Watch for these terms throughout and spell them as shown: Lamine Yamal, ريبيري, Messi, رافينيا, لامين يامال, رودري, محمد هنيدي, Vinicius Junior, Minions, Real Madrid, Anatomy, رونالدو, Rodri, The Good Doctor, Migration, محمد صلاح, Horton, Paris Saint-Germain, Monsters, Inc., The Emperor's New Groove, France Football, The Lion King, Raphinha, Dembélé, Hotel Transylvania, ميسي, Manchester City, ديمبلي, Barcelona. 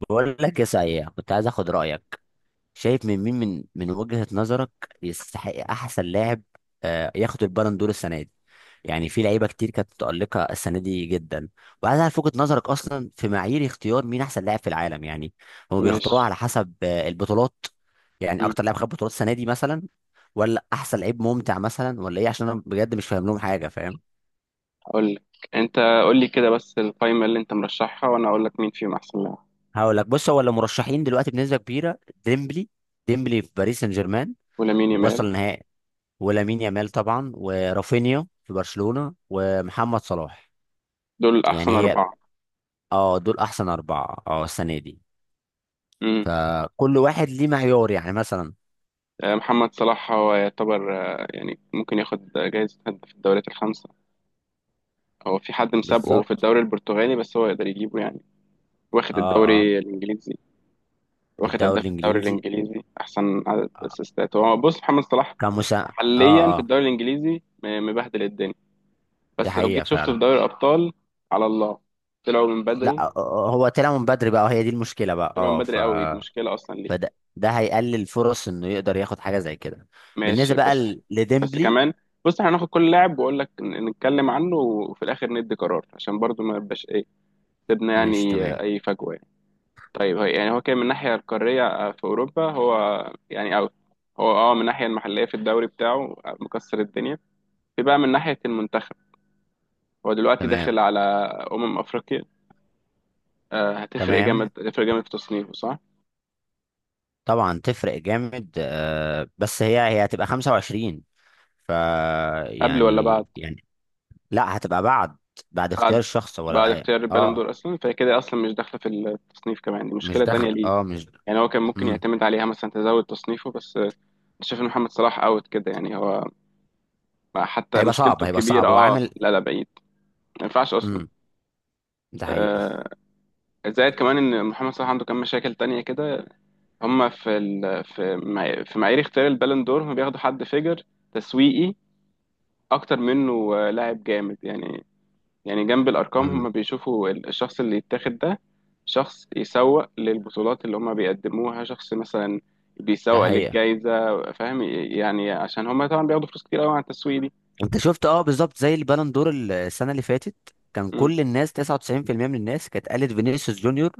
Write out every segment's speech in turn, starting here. بقول لك يا سعيد، كنت عايز اخد رايك. شايف من مين، من وجهة نظرك يستحق احسن لاعب ياخد البالون دور السنه دي؟ يعني في لعيبه كتير كانت متالقه السنه دي جدا، وعايز اعرف وجهة نظرك اصلا في معايير اختيار مين احسن لاعب في العالم. يعني هم ماشي. بيختاروها على حسب البطولات؟ يعني مم. اكتر لاعب خد بطولات السنه دي مثلا، ولا احسن لعيب ممتع مثلا ولا ايه؟ عشان انا بجد مش فاهم لهم حاجه، فاهم؟ اقول لك. انت قول لي كده بس القائمه اللي انت مرشحها وانا اقول لك مين فيهم احسن لاعب. هقول لك. بص، هو اللي مرشحين دلوقتي بنسبه كبيره: ديمبلي. ديمبلي في باريس سان جيرمان ولامين ووصل يامال النهائي، ولامين يامال طبعا، ورافينيا في برشلونة، ومحمد صلاح. دول يعني احسن هي اربعه. اه، دول احسن اربعة، اه، السنة دي. امم فكل واحد ليه معيار، يعني مثلا. محمد صلاح هو يعتبر، يعني ممكن ياخد جايزه هداف في الدوريات الخمسه. هو في حد مسابقه في بالظبط. الدوري البرتغالي بس هو يقدر يجيبه يعني. واخد اه، اه، الدوري الانجليزي، واخد الدوري هداف الدوري الانجليزي. الانجليزي، احسن عدد آه، اسيستات هو بص محمد صلاح. كمسا. اه، حاليا في اه، الدوري الانجليزي مبهدل الدنيا. دي بس لو حقيقة جيت شفته في فعلا. دوري الابطال، على الله، طلعوا من لا بدري. هو طلع من بدري بقى، وهي دي المشكلة بقى، طلعوا من اه ف بدري قوي، دي مشكله اصلا ليه. فده هيقلل فرص انه يقدر ياخد حاجة زي كده. ماشي بالنسبة بقى بس. بس لديمبلي. كمان بص احنا هناخد كل لاعب واقول لك نتكلم عنه، وفي الاخر ندي قرار عشان برضو ما يبقاش ايه، سيبنا مش يعني تمام؟ اي فجوه يعني. طيب هي يعني هو كان من الناحيه القاريه، في اوروبا هو يعني اوت. هو اه من الناحيه المحليه في الدوري بتاعه مكسر الدنيا. في بقى من ناحيه المنتخب، هو دلوقتي تمام. داخل على افريقيا. هتفرق جامد، تمام، هتفرق جامد في تصنيفه صح. طبعا تفرق جامد. بس هي هتبقى 25. ف قبل ولا بعد؟ يعني. لا، هتبقى بعد. بعد اختيار بعد. الشخص بعد ولا ايه؟ اختيار البالون اه، دور اصلا، فهي كده اصلا مش داخله في التصنيف، كمان دي مش مشكله تانية دخل، ليه. اه مش يعني هو كان ممكن امم يعتمد عليها مثلا تزود تصنيفه بس شايف ان محمد صلاح اوت كده يعني. هو حتى هيبقى صعب مشكلته هيبقى الكبيره، صعب هو اه عامل. لا لا، بعيد. ما ينفعش اصلا. امم ده حقيقة. آه زائد كمان ان محمد صلاح عنده كام مشاكل تانية كده. هم في في معايير اختيار البالون دور، هم بياخدوا حد فيجر تسويقي اكتر منه، لاعب جامد يعني. يعني جنب الأرقام امم هم بيشوفوا الشخص اللي يتاخد ده شخص يسوق للبطولات اللي هم بيقدموها، شخص مثلا ده بيسوق حقيقة. للجائزة، فاهم يعني، عشان هم طبعا بياخدوا فلوس كتير قوي على التسويق دي. انت شفت؟ اه، بالظبط زي البالون دور السنة اللي فاتت، كان م- كل الناس، 99% من الناس، كانت قالت فينيسيوس جونيور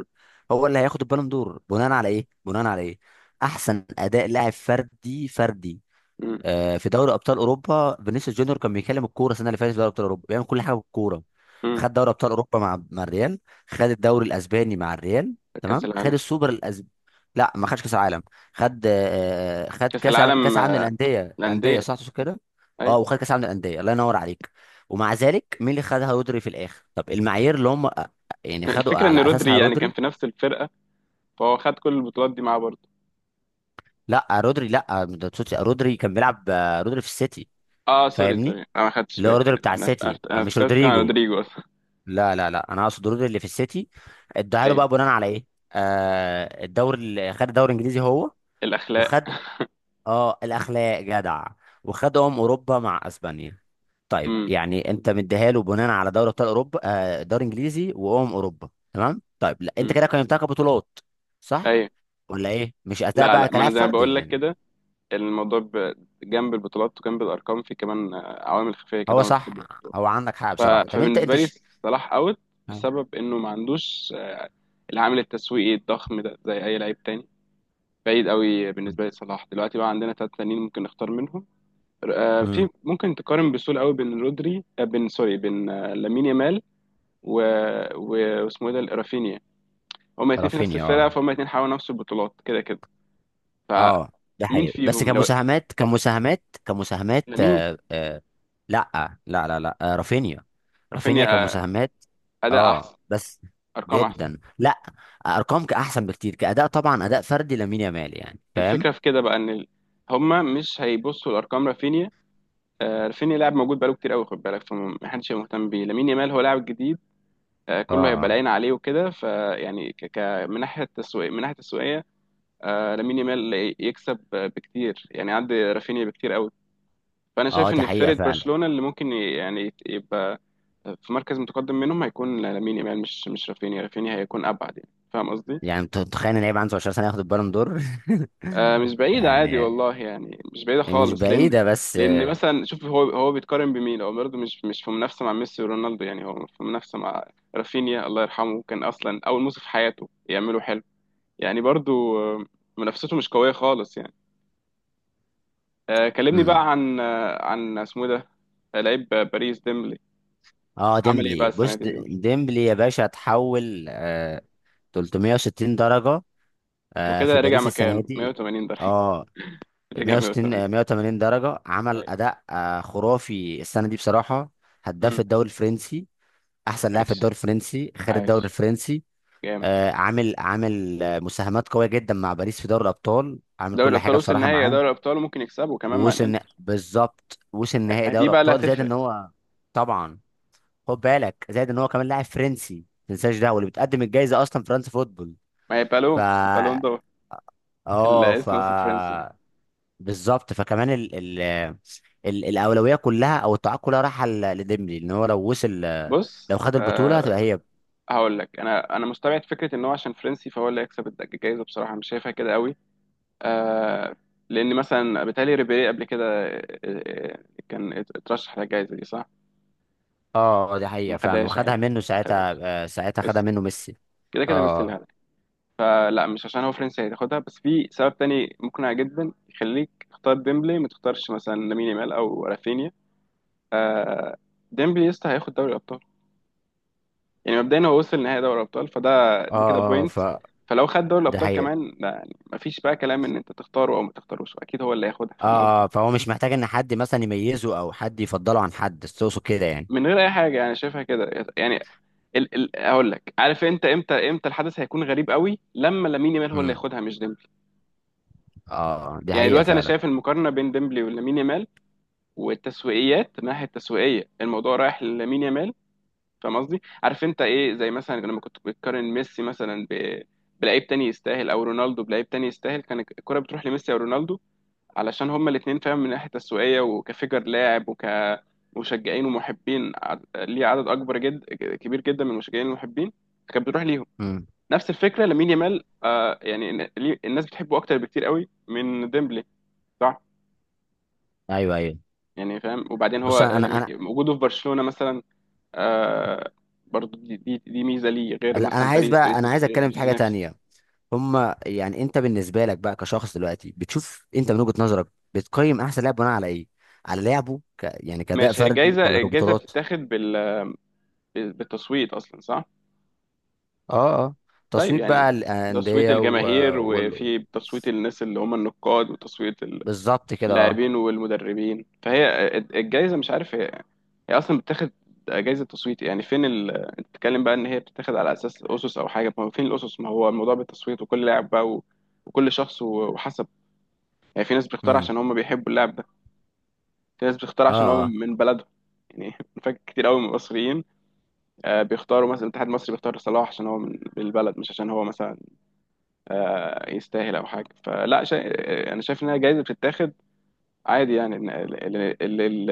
هو اللي هياخد البالون دور. بناء على ايه؟ بناء على ايه؟ احسن اداء لاعب فردي، فردي، م- في دوري ابطال اوروبا. فينيسيوس جونيور كان بيكلم الكوره السنه اللي فاتت في دوري ابطال اوروبا، بيعمل كل حاجه بالكوره. م. خد دوري ابطال اوروبا مع الريال، خد الدوري الاسباني مع الريال، كأس تمام، خد العالم. السوبر الاسباني. لا، ما خدش كاس عالم. خد، خد كأس كاس العالم كاس عالم آه، للانديه. الانديه الأندية. صح تقصد كده؟ أي. اه، وخد كاس عالم للانديه، الله ينور عليك. ومع ذلك، مين اللي خدها؟ رودري، في الاخر. طب المعايير اللي هم يعني خدوا الفكرة إن على رودري اساسها يعني كان في رودري. نفس الفرقة، فهو خد كل البطولات دي معاه برضه. لا رودري، لا ما تقصدش. رودري كان بيلعب، رودري في السيتي. اه سوري فاهمني؟ سوري، انا ما خدتش اللي بالي. هو رودري بتاع انا السيتي، أنا مش فكرت كان رودريجو. رودريجو اصلا. لا، انا اقصد رودري اللي في السيتي. اداها له بقى ايوه. بناء على ايه؟ آه، الدوري، اللي خد الدوري الانجليزي هو. الاخلاق. وخد، اه، الاخلاق جدع. وخد اوروبا مع اسبانيا. طيب امم. يعني انت مديها له بناء على دوري ابطال اوروبا، آه، دوري انجليزي، وامم اوروبا، تمام. طيب لا، انت امم. كده قيمتها كبطولات، صح ايوه. ولا ايه؟ مش اداء لا بقى لا، ما كلاعب انا زي ما فردي؟ بقول لك لأن كده. الموضوع جنب البطولات وجنب الارقام في كمان عوامل خفيه كده هو ما صح، بحبها. هو عندك حق ف- بصراحه. طب انت، فبالنسبه انت لي صلاح اوت، بسبب انه ما عندوش العامل التسويقي الضخم ده زي اي لعيب تاني. بعيد قوي بالنسبه لي صلاح دلوقتي. بقى عندنا ثلاث تانيين ممكن نختار منهم. امم في ممكن تقارن بسهوله قوي بين رودري، بين سوري، بين لامين يامال و... و... واسمه ايه ده، رافينيا. هما الاثنين في نفس رافينيا. اه الفرقه، فهما الاثنين حاولوا نفس البطولات كده كده. اه، ده فمين حقيقي. بس فيهم لو؟ كمساهمات كمساهمات، لامين. آه، آه. لا لا آه رافينيا. رافينيا رافينيا كمساهمات، اداء اه. احسن، بس ارقام احسن. جدا، لا، ارقام كاحسن، بكتير. كاداء طبعا، اداء فردي لامين يامال، يعني فاهم؟ الفكره في كده بقى ان هما مش هيبصوا لارقام رافينيا. رافينيا لاعب موجود بقاله كتير قوي، خد بالك، فمحدش هيبقى مهتم بيه. لامين يامال هو لاعب جديد، اه، كله هيبقى اه، العين عليه وكده، فيعني من ناحيه التسويق، من ناحيه التسويقيه لامين يامال يكسب بكتير يعني عندي رافينيا بكتير قوي. فانا اه، شايف دي ان حقيقه فرقه فعلا. برشلونه اللي ممكن يبقى في مركز متقدم منهم هيكون لامين يامال، مش مش رافينيا. رافينيا هيكون ابعد، يعني فاهم قصدي. يعني انت تخيل ان لعيب عنده 10 سنه ياخد البالون دور! مش بعيدة عادي يعني والله، يعني مش بعيدة مش خالص، لأن بعيده، بس لأن مثلا شوف هو بيتقارن بمين. هو برضه مش في منافسة مع ميسي ورونالدو، يعني هو في منافسة مع رافينيا، الله يرحمه، كان أصلا أول موسم في حياته يعمله حلو يعني برضه، آه، منافسته مش قوية خالص يعني. كلمني امم بقى عن عن اسمه إيه ده، لعيب باريس، ديمبلي. اه عمل إيه بقى ديمبلي، السنة بص، دي ديمبلي؟ ديمبلي يا باشا اتحول، آه، 360 درجه، آه، في وكده رجع باريس السنه مكانه دي. 180 درجة. اه، رجع 160، 180. 180 درجه. عمل أيوة. اداء آه خرافي السنه دي بصراحه. مم. هداف الدوري الفرنسي، احسن لاعب في ماشي. الدوري الفرنسي، خد الدوري عايش الفرنسي. جامد. آه، عامل مساهمات قويه جدا مع باريس في دوري الابطال، عامل دوري كل الابطال حاجه وصل بصراحه نهائي، يا معاهم. دوري الابطال، وممكن يكسبه كمان مع ووصل الانتر. بالظبط، وصل نهائي يعني دي دوري بقى اللي ابطال. زائد هتفرق. ان هو، طبعا، خد بالك، زائد ان هو كمان لاعب فرنسي، ما تنساش ده، واللي بتقدم الجائزه اصلا فرنسا فوتبول. ما هي ف بالون. بالون دور. اه، الاسم اصلا فرنسي. بالظبط. فكمان، ال الاولويه كلها، او التعاق كلها رايحه لديمبلي، لان هو لو وصل، لو بص خد البطوله أه، هتبقى هي. هقول لك، انا انا مستبعد فكره ان هو عشان فرنسي فهو اللي هيكسب الجايزه، بصراحه مش شايفها كده قوي. أه، لان مثلا بيتهيألي ريبيري قبل كده، كان اترشح للجائزه دي صح. اه، آه، دي حقيقه ما فعلا، خدهاش وخدها عادي. منه ما ساعتها. خدهاش. ساعتها خدها ميسي. منه ميسي. كده كده ميسي اه، اللي. فلا، مش عشان هو فرنسي هتاخدها، بس في سبب تاني مقنع جدا يخليك تختار ديمبلي ما تختارش مثلا لامين يامال او رافينيا. آه ديمبلي يسطا هياخد دوري الابطال. يعني مبدئيا هو وصل نهائي دوري الابطال، فده، اه، دي كده اه، بوينت. فلو خد دوري ده الابطال حقيقه. كمان، لا يعني مفيش بقى كلام ان انت تختاره او ما تختاروش، اكيد هو اللي هياخدها، فاهم اه، قصدي، اه، فهو مش محتاج ان حد مثلا يميزه، او حد يفضله عن حد، تقصد كده يعني. من غير اي حاجه. انا شايفها كده يعني. ال ال اقول لك، عارف انت امتى؟ امتى الحدث هيكون غريب قوي؟ لما لامين يامال هو اللي امم ياخدها مش ديمبلي. اه، دي يعني حقيقه دلوقتي انا فعلا. شايف المقارنه بين ديمبلي ولامين يامال، والتسويقيات من الناحيه التسويقيه الموضوع رايح لمين يامال، فاهم قصدي. عارف انت ايه، زي مثلا لما كنت بتقارن ميسي مثلا بلعيب تاني يستاهل، او رونالدو بلعيب تاني يستاهل، كان الكره بتروح لميسي او رونالدو، علشان هما الاثنين فاهم من ناحيه تسويقيه وكفيجر لاعب وكمشجعين ومحبين ليه عدد اكبر جد، كبير جدا من المشجعين المحبين، كانت بتروح ليهم. امم نفس الفكره لامين يامال، آه، يعني الناس بتحبه اكتر بكتير قوي من ديمبلي، صح. ايوه، ايوه. يعني فاهم. وبعدين بص هو انا، وجوده في برشلونه مثلا آه برضو دي ميزه ليه، غير لا، انا مثلا عايز باريس، بقى، باريس انا مش عايز اتكلم مش في حاجه بينافس. تانية. هما يعني، انت بالنسبه لك بقى كشخص دلوقتي، بتشوف انت من وجهه نظرك، بتقيم احسن لاعب بناء على ايه؟ على لعبه، يعني كاداء ماشي، هي فردي الجايزه، ولا الجايزه كبطولات؟ بتتاخد بالتصويت اصلا صح. اه، اه. طيب تصويت يعني بقى بتصويت الانديه الجماهير، وال... وفي تصويت الناس اللي هم النقاد، وتصويت بالظبط كده، اه. اللاعبين والمدربين، فهي الجايزه، مش عارف، هي اصلا بتاخد جايزه تصويت يعني. فين انت بتتكلم بقى ان هي بتتاخد على اساس اسس او حاجه، ما هو فين الاسس، ما هو الموضوع بالتصويت، وكل لاعب بقى وكل شخص وحسب. يعني في ناس بتختار امم عشان هم بيحبوا اللاعب، في ناس بتختار عشان هو اه، اه. من من بلدهم. يعني فاكر كتير قوي من المصريين، بيختاروا مثلا الاتحاد المصري بيختار صلاح عشان هو من من البلد، مش عشان هو مثلا يستاهل او حاجه. فلا شا... آه، انا شايف انها جايزه بتتاخد عادي يعني، إن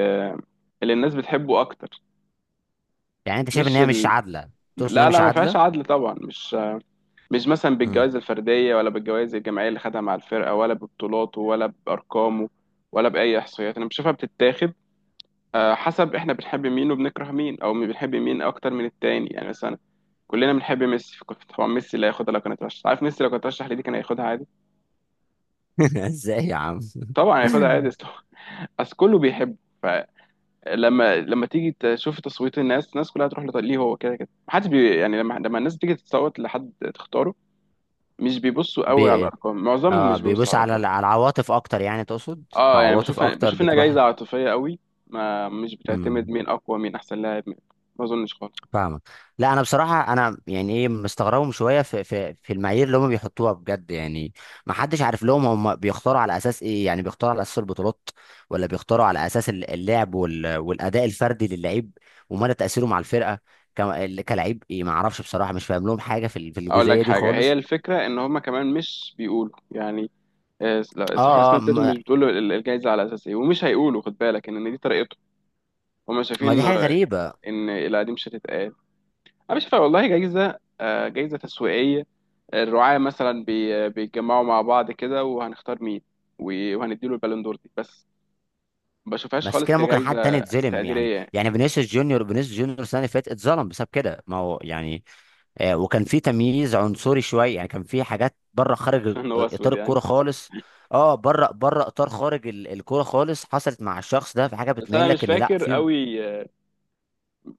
اللي الناس بتحبه اكتر. يعني انت شايف ان مش هي مش ال... عادله؟ تقصد ان هي لا مش لا، ما فيهاش عادله. عدل طبعا، مش مش مثلا امم بالجوائز الفرديه، ولا بالجوائز الجماعيه اللي خدها مع الفرقه، ولا ببطولاته، ولا بارقامه، ولا باي احصائيات. انا بشوفها بتتاخد حسب احنا بنحب مين وبنكره مين، او مين بنحب مين اكتر من التاني. يعني مثلا كلنا بنحب ميسي، طبعا ميسي لا ياخدها لو كان اترشح، عارف، ميسي لو كان اترشح لدي كان هياخدها عادي. ازاي يا عم! طبعا هياخدها عادي، اصل اصل كله بيحبه. فلما لما تيجي تشوف تصويت الناس، الناس كلها تروح ليه، هو كده كده محدش يعني. لما لما الناس تيجي تصوت لحد تختاره، مش بيبصوا قوي على بي... الارقام، معظمهم اه، مش بيبصوا بيبص على على الارقام. على العواطف اكتر يعني تقصد؟ اه يعني عواطف بشوف اكتر بشوف انها بتروح. جايزه عاطفيه قوي. ما مش بتعتمد امم مين اقوى، مين احسن لاعب مين. ما اظنش خالص. فاهمك. لا انا بصراحه، انا يعني ايه، مستغربهم شويه في المعايير اللي هم بيحطوها بجد يعني. ما حدش عارف لهم هم بيختاروا على اساس ايه. يعني بيختاروا على اساس البطولات، ولا بيختاروا على اساس اللعب والاداء الفردي للعيب، ومدى تاثيره مع الفرقه كلاعب، ايه، ما اعرفش بصراحه، مش فاهم لهم حاجه في في اقول الجزئيه لك دي حاجه، هي خالص. الفكره ان هم كمان مش بيقولوا يعني، لا، اه، الصحافه الرسميه اه، بتاعتهم مش بتقول له الجايزه على اساس ايه، ومش هيقولوا، خد بالك ان إن دي طريقتهم. هم ما دي شايفين حاجه غريبه. ان لا دي مش هتتقال. انا مش شايفها والله جايزه، جايزه تسويقيه. الرعاة مثلا بيتجمعوا مع بعض كده، وهنختار مين وهنديله البالون دور دي بس. ما بشوفهاش بس خالص كده ممكن حد تاني كجايزه يتظلم. يعني، تقديريه يعني. يعني، فينيسيوس جونيور السنه اللي فاتت اتظلم بسبب كده، ما هو يعني وكان في تمييز عنصري شويه، يعني كان في حاجات بره، خارج عشان هو اسود اطار يعني. الكوره خالص. اه، بره، بره اطار، خارج الكوره خالص، حصلت مع الشخص ده. في حاجه بس بتميل انا لك مش ان لا، فاكر في. قوي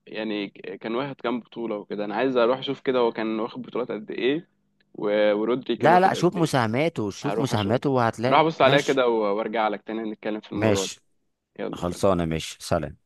يعني كان واخد كام بطولة وكده. أنا عايز أروح أشوف كده هو كان واخد بطولات قد إيه، ورودري كان لا لا، واخد قد شوف إيه. مساهماته، شوف هروح أشوف. مساهماته هروح وهتلاقي. أبص عليها ماشي. كده وأرجع لك تاني نتكلم في الموضوع ده. ماشي يلا سلام. خلصانه، ماشي، سلام.